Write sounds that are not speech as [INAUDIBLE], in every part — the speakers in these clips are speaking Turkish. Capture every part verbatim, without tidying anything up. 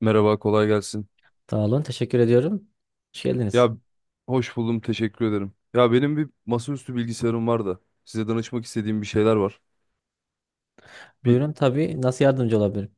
Merhaba, kolay gelsin. Sağ olun. Teşekkür ediyorum. Hoş geldiniz. Ya, hoş buldum, teşekkür ederim. Ya benim bir masaüstü bilgisayarım var da size danışmak istediğim bir şeyler var. Bir Buyurun tabii. Nasıl yardımcı olabilirim?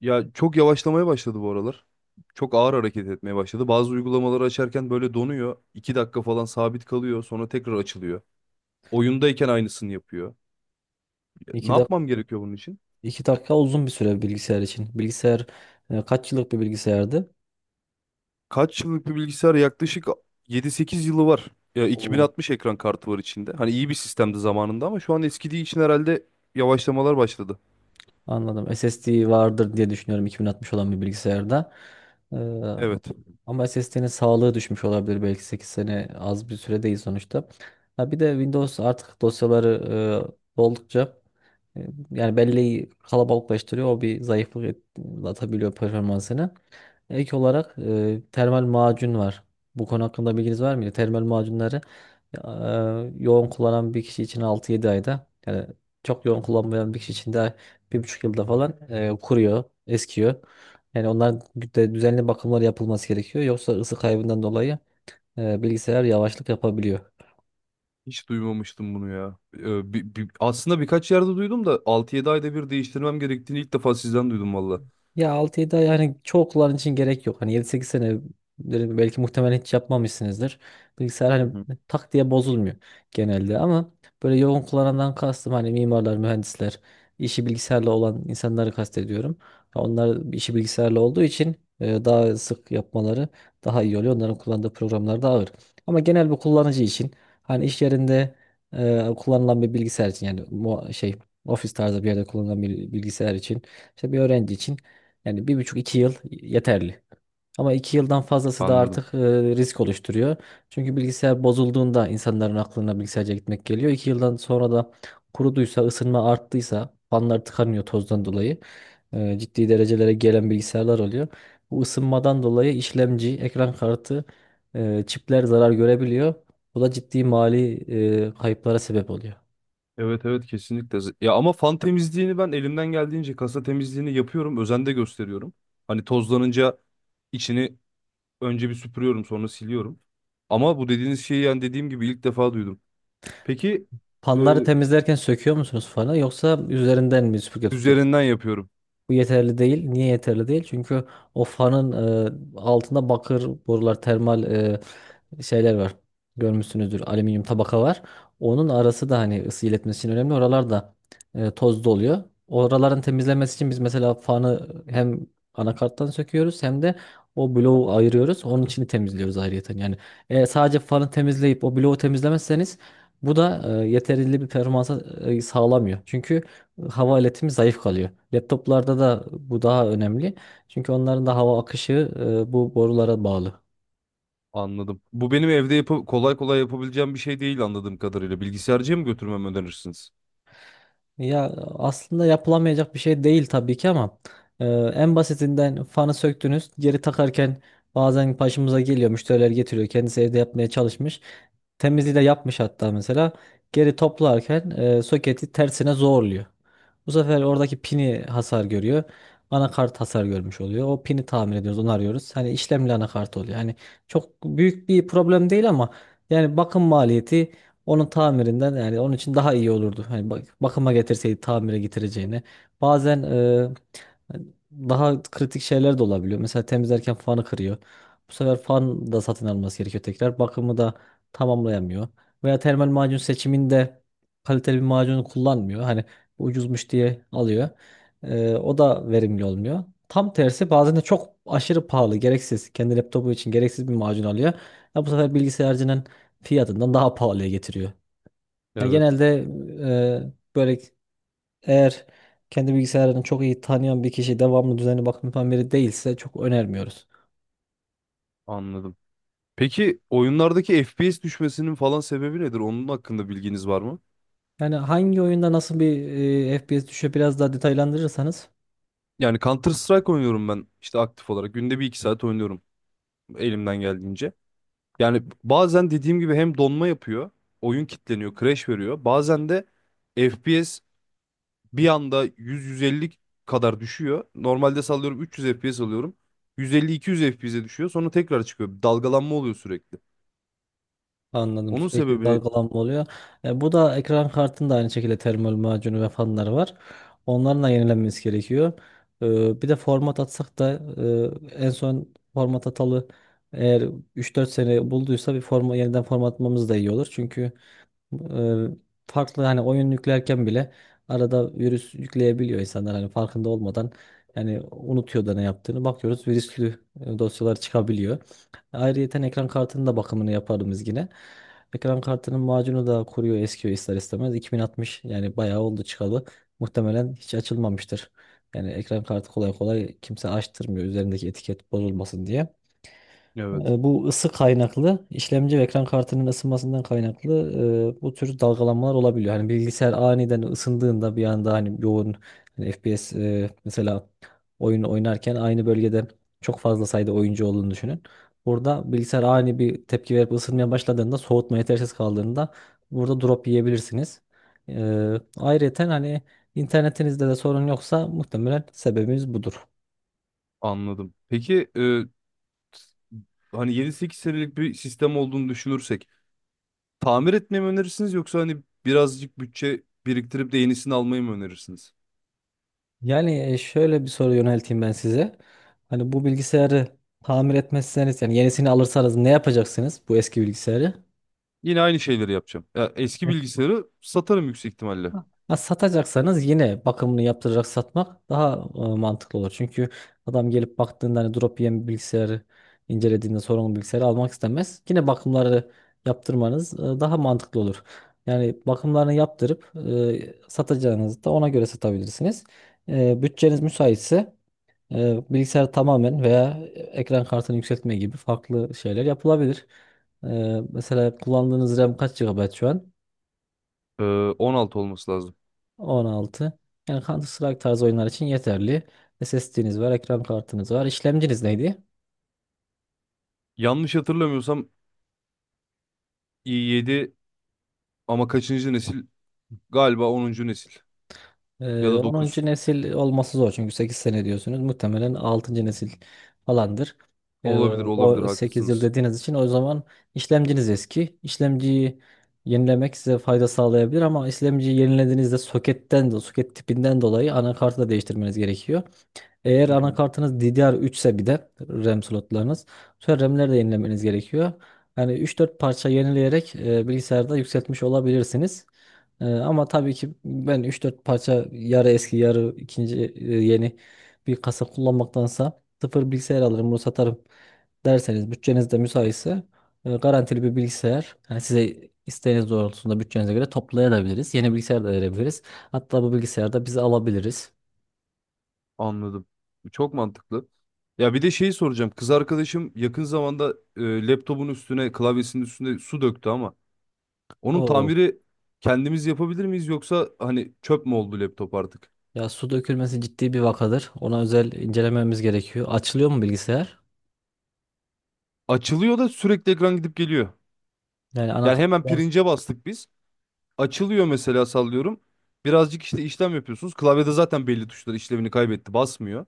Ya, çok yavaşlamaya başladı bu aralar. Çok ağır hareket etmeye başladı. Bazı uygulamaları açarken böyle donuyor. İki dakika falan sabit kalıyor, sonra tekrar açılıyor. Oyundayken aynısını yapıyor. Ya, ne İki, dak yapmam gerekiyor bunun için? iki dakika uzun bir süre bilgisayar için. Bilgisayar e, kaç yıllık bir bilgisayardı? Kaç yıllık bir bilgisayar? Yaklaşık yedi sekiz yılı var. Ya, Oo. iki bin altmış ekran kartı var içinde. Hani iyi bir sistemdi zamanında ama şu an eskidiği için herhalde yavaşlamalar başladı. Anladım. S S D vardır diye düşünüyorum iki bin altmış olan bir bilgisayarda. Ee, Evet. ama S S D'nin sağlığı düşmüş olabilir. Belki sekiz sene az bir süre değil sonuçta. Ha, bir de Windows artık dosyaları e, oldukça e, yani belleği kalabalıklaştırıyor. O bir zayıflık et- atabiliyor performansını. Ek olarak e, termal macun var. Bu konu hakkında bilginiz var mıydı? Termal macunları e, yoğun kullanan bir kişi için altı yedi ayda yani çok yoğun kullanmayan bir kişi için de bir buçuk yılda falan e, kuruyor, eskiyor. Yani onların de düzenli bakımlar yapılması gerekiyor. Yoksa ısı kaybından dolayı e, bilgisayar yavaşlık yapabiliyor. Hiç duymamıştım bunu ya. Ee, bi- bi- aslında birkaç yerde duydum da altı yedi ayda bir değiştirmem gerektiğini ilk defa sizden duydum valla. Ya, altı yedi ay hani çoğu kullanıcı için gerek yok. Hani yedi sekiz sene belki muhtemelen hiç yapmamışsınızdır. Bilgisayar Hı hani hı. tak diye bozulmuyor genelde ama böyle yoğun kullanandan kastım hani mimarlar, mühendisler, işi bilgisayarla olan insanları kastediyorum. Ya onlar işi bilgisayarla olduğu için e, daha sık yapmaları daha iyi oluyor. Onların kullandığı programlar daha ağır. Ama genel bir kullanıcı için hani iş yerinde e, kullanılan bir bilgisayar için yani mu- şey, ofis tarzı bir yerde kullanılan bir bilgisayar için işte bir öğrenci için yani bir buçuk iki yıl yeterli. Ama iki yıldan fazlası da Anladım. artık e, risk oluşturuyor. Çünkü bilgisayar bozulduğunda insanların aklına bilgisayarca gitmek geliyor. İki yıldan sonra da kuruduysa, ısınma arttıysa, fanlar tıkanıyor tozdan dolayı. E, ciddi derecelere gelen bilgisayarlar oluyor. Bu ısınmadan dolayı işlemci, ekran kartı, e, çipler zarar görebiliyor. Bu da ciddi mali e, kayıplara sebep oluyor. Evet, evet, kesinlikle. Z- Ya ama fan temizliğini ben elimden geldiğince kasa temizliğini yapıyorum. Özen de gösteriyorum. Hani tozlanınca içini önce bir süpürüyorum sonra siliyorum. Ama bu dediğiniz şeyi yani dediğim gibi ilk defa duydum. Peki, e, Fanları temizlerken söküyor musunuz fanı, yoksa üzerinden mi süpürge tutuyorsunuz? üzerinden yapıyorum. Bu yeterli değil. Niye yeterli değil? Çünkü o fanın e, altında bakır borular, termal e, şeyler var. Görmüşsünüzdür. Alüminyum tabaka var. Onun arası da hani ısı iletmesi için önemli. Oralar da e, tozlu oluyor. Oraların temizlenmesi için biz mesela fanı hem anakarttan söküyoruz, hem de o bloğu ayırıyoruz. Onun içini temizliyoruz ayrıyeten. Yani e, sadece fanı temizleyip o bloğu temizlemezseniz bu da e, yeterli bir performansa e, sağlamıyor. Çünkü hava iletimi zayıf kalıyor. Laptoplarda da bu daha önemli. Çünkü onların da hava akışı e, bu borulara bağlı. Anladım. Bu benim evde yapı- kolay kolay yapabileceğim bir şey değil anladığım kadarıyla. Bilgisayarcıya mı götürmemi önerirsiniz? Ya aslında yapılamayacak bir şey değil tabii ki, ama e, en basitinden fanı söktünüz, geri takarken bazen başımıza geliyor, müşteriler getiriyor, kendisi evde yapmaya çalışmış, temizliği de yapmış hatta, mesela geri toplarken e, soketi tersine zorluyor. Bu sefer oradaki pini hasar görüyor, anakart hasar görmüş oluyor, o pini tamir ediyoruz, onu arıyoruz, hani işlemli anakart oluyor yani. Çok büyük bir problem değil, ama yani bakım maliyeti onun tamirinden yani onun için daha iyi olurdu. Hani bak, bakıma getirseydi tamire getireceğine. Bazen e, daha kritik şeyler de olabiliyor. Mesela temizlerken fanı kırıyor. Bu sefer fan da satın alması gerekiyor tekrar. Bakımı da tamamlayamıyor. Veya termal macun seçiminde kaliteli bir macunu kullanmıyor. Hani ucuzmuş diye alıyor. Ee, o da verimli olmuyor. Tam tersi, bazen de çok aşırı pahalı, gereksiz. Kendi laptopu için gereksiz bir macun alıyor. Ya bu sefer bilgisayarcının fiyatından daha pahalıya getiriyor. Yani Evet. genelde e, böyle, eğer kendi bilgisayarını çok iyi tanıyan bir kişi, devamlı düzenli bakım yapan biri değilse çok önermiyoruz. Anladım. Peki oyunlardaki F P S düşmesinin falan sebebi nedir? Onun hakkında bilginiz var mı? Yani hangi oyunda nasıl bir e, F P S düşüyor, biraz daha detaylandırırsanız. Yani Counter Strike oynuyorum ben işte aktif olarak. Günde bir iki saat oynuyorum elimden geldiğince. Yani bazen dediğim gibi hem donma yapıyor, oyun kilitleniyor, crash veriyor. Bazen de F P S bir anda yüz, yüz elli kadar düşüyor. Normalde sallıyorum üç yüz F P S alıyorum. yüz elli, iki yüz F P S'e düşüyor. Sonra tekrar çıkıyor. Dalgalanma oluyor sürekli. Anladım. Onun Sürekli sebebini... dalgalanma oluyor. E, bu da ekran kartında aynı şekilde termal macunu ve fanları var. Onların da yenilenmesi gerekiyor. E, bir de format atsak da, e, en son format atalı eğer üç dört sene bulduysa bir forma, yeniden formatlamamız da iyi olur. Çünkü Eee, farklı hani, oyun yüklerken bile arada virüs yükleyebiliyor insanlar hani farkında olmadan, yani unutuyor da ne yaptığını, bakıyoruz virüslü e, dosyalar çıkabiliyor. Ayrıyeten ekran kartının da bakımını yaparım biz yine. Ekran kartının macunu da kuruyor, eskiyor ister istemez. iki bin altmış yani bayağı oldu çıkalı. Muhtemelen hiç açılmamıştır. Yani ekran kartı kolay kolay kimse açtırmıyor, üzerindeki etiket bozulmasın diye. Evet. E, Bu ısı kaynaklı, işlemci ve ekran kartının ısınmasından kaynaklı e, bu tür dalgalanmalar olabiliyor. Hani bilgisayar aniden ısındığında, bir anda hani yoğun hani F P S, e, mesela oyun oynarken aynı bölgede çok fazla sayıda oyuncu olduğunu düşünün. Burada bilgisayar ani bir tepki verip ısınmaya başladığında, soğutma yetersiz kaldığında burada drop yiyebilirsiniz. E, ayrıca hani internetinizde de sorun yoksa muhtemelen sebebimiz budur. Anladım. Peki, e, hani yedi sekiz senelik bir sistem olduğunu düşünürsek tamir etmeyi mi önerirsiniz yoksa hani birazcık bütçe biriktirip de yenisini almayı mı önerirsiniz? Yani e, şöyle bir soru yönelteyim ben size. Hani bu bilgisayarı tamir etmezseniz, yani yenisini alırsanız ne yapacaksınız bu eski bilgisayarı? Yine aynı şeyleri yapacağım. Ya, eski Evet. bilgisayarı satarım yüksek ihtimalle. Ha, satacaksanız yine bakımını yaptıracak satmak daha e, mantıklı olur. Çünkü adam gelip baktığında hani drop yiyen bir bilgisayarı incelediğinde, sorunlu bilgisayarı almak istemez. Yine bakımları yaptırmanız e, daha mantıklı olur. Yani bakımlarını yaptırıp e, satacağınızı da ona göre satabilirsiniz. E, bütçeniz müsaitse E, bilgisayar tamamen veya ekran kartını yükseltme gibi farklı şeyler yapılabilir. E, mesela kullandığınız RAM kaç gigabayt şu an? Ee, on altı olması lazım. on altı. Yani Counter Strike tarzı oyunlar için yeterli. S S D'niz var, ekran kartınız var. İşlemciniz neydi? Yanlış hatırlamıyorsam i yedi ama kaçıncı nesil? Galiba onuncu nesil ya Ee, da dokuz. onuncu nesil olması zor, çünkü sekiz sene diyorsunuz. Muhtemelen altıncı nesil falandır. Ee, Olabilir, olabilir, o sekiz yıl haklısınız. dediğiniz için o zaman işlemciniz eski. İşlemciyi yenilemek size fayda sağlayabilir, ama işlemciyi yenilediğinizde soketten de, soket tipinden dolayı anakartı da değiştirmeniz gerekiyor. Eğer Hı hı. anakartınız D D R üç ise, bir de RAM slotlarınız. Sonra RAM'leri de yenilemeniz gerekiyor. Yani üç dört parça yenileyerek e, bilgisayarda yükseltmiş olabilirsiniz. E, ama tabii ki ben üç dört parça yarı eski yarı ikinci e, yeni bir kasa kullanmaktansa sıfır bilgisayar alırım, bunu satarım derseniz, bütçeniz de müsaitse e, garantili bir bilgisayar, yani size isteğiniz doğrultusunda bütçenize göre toplayabiliriz. Yeni bilgisayar da verebiliriz. Hatta bu bilgisayarda biz alabiliriz. Anladım. Çok mantıklı. Ya bir de şeyi soracağım. Kız arkadaşım yakın zamanda e, laptopun üstüne, klavyesinin üstüne su döktü ama onun O tamiri kendimiz yapabilir miyiz yoksa hani çöp mü oldu laptop artık? Ya, su dökülmesi ciddi bir vakadır. Ona özel incelememiz gerekiyor. Açılıyor mu bilgisayar? Açılıyor da sürekli ekran gidip geliyor. Yani Yani hemen anakartta, pirince bastık biz. Açılıyor mesela, sallıyorum. Birazcık işte işlem yapıyorsunuz. Klavyede zaten belli tuşlar işlevini kaybetti, basmıyor.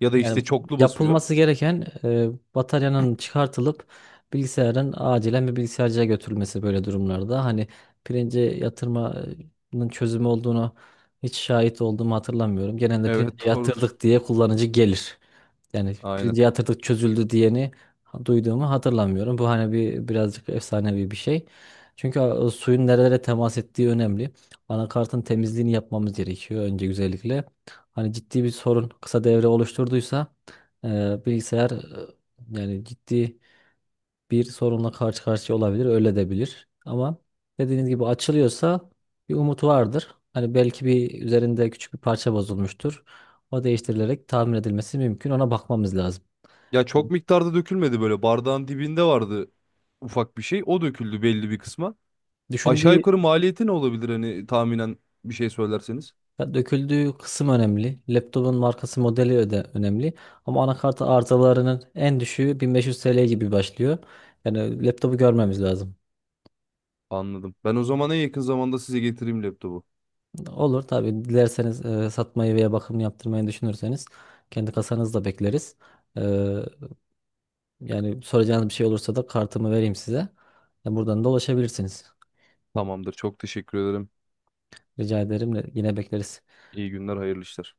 Ya da yani işte çoklu basıyor. yapılması gereken e, bataryanın çıkartılıp bilgisayarın acilen bir bilgisayarcıya götürülmesi böyle durumlarda. Hani pirince yatırmanın çözümü olduğunu hiç şahit olduğumu hatırlamıyorum. Genelde Evet, pirince [LAUGHS] doğrudur. yatırdık diye kullanıcı gelir. Yani Aynen. pirince yatırdık, çözüldü diyeni ha- duyduğumu hatırlamıyorum. Bu hani bir birazcık efsanevi bir şey. Çünkü e, suyun nerelere temas ettiği önemli. Anakartın temizliğini yapmamız gerekiyor önce güzellikle. Hani ciddi bir sorun, kısa devre oluşturduysa e, bilgisayar e, yani ciddi bir sorunla karşı karşıya olabilir, öyle de bilir. Ama dediğiniz gibi açılıyorsa bir umut vardır. Hani belki bir üzerinde küçük bir parça bozulmuştur. O değiştirilerek tamir edilmesi mümkün. Ona bakmamız lazım. Ya çok miktarda dökülmedi böyle. Bardağın dibinde vardı ufak bir şey. O döküldü belli bir kısma. Aşağı Düşündüğü yukarı maliyeti ne olabilir hani tahminen bir şey söylerseniz? ya döküldüğü kısım önemli. Laptopun markası, modeli öde önemli. Ama anakarta arızalarının en düşüğü bin beş yüz T L gibi başlıyor. Yani laptopu görmemiz lazım. Anladım. Ben o zaman en yakın zamanda size getireyim laptopu. Olur tabii, dilerseniz e, satmayı veya bakım yaptırmayı düşünürseniz kendi kasanızda bekleriz. E, yani soracağınız bir şey olursa da kartımı vereyim size. Ya, buradan da ulaşabilirsiniz. Tamamdır. Çok teşekkür ederim. Rica ederim. Yine bekleriz. İyi günler, hayırlı işler.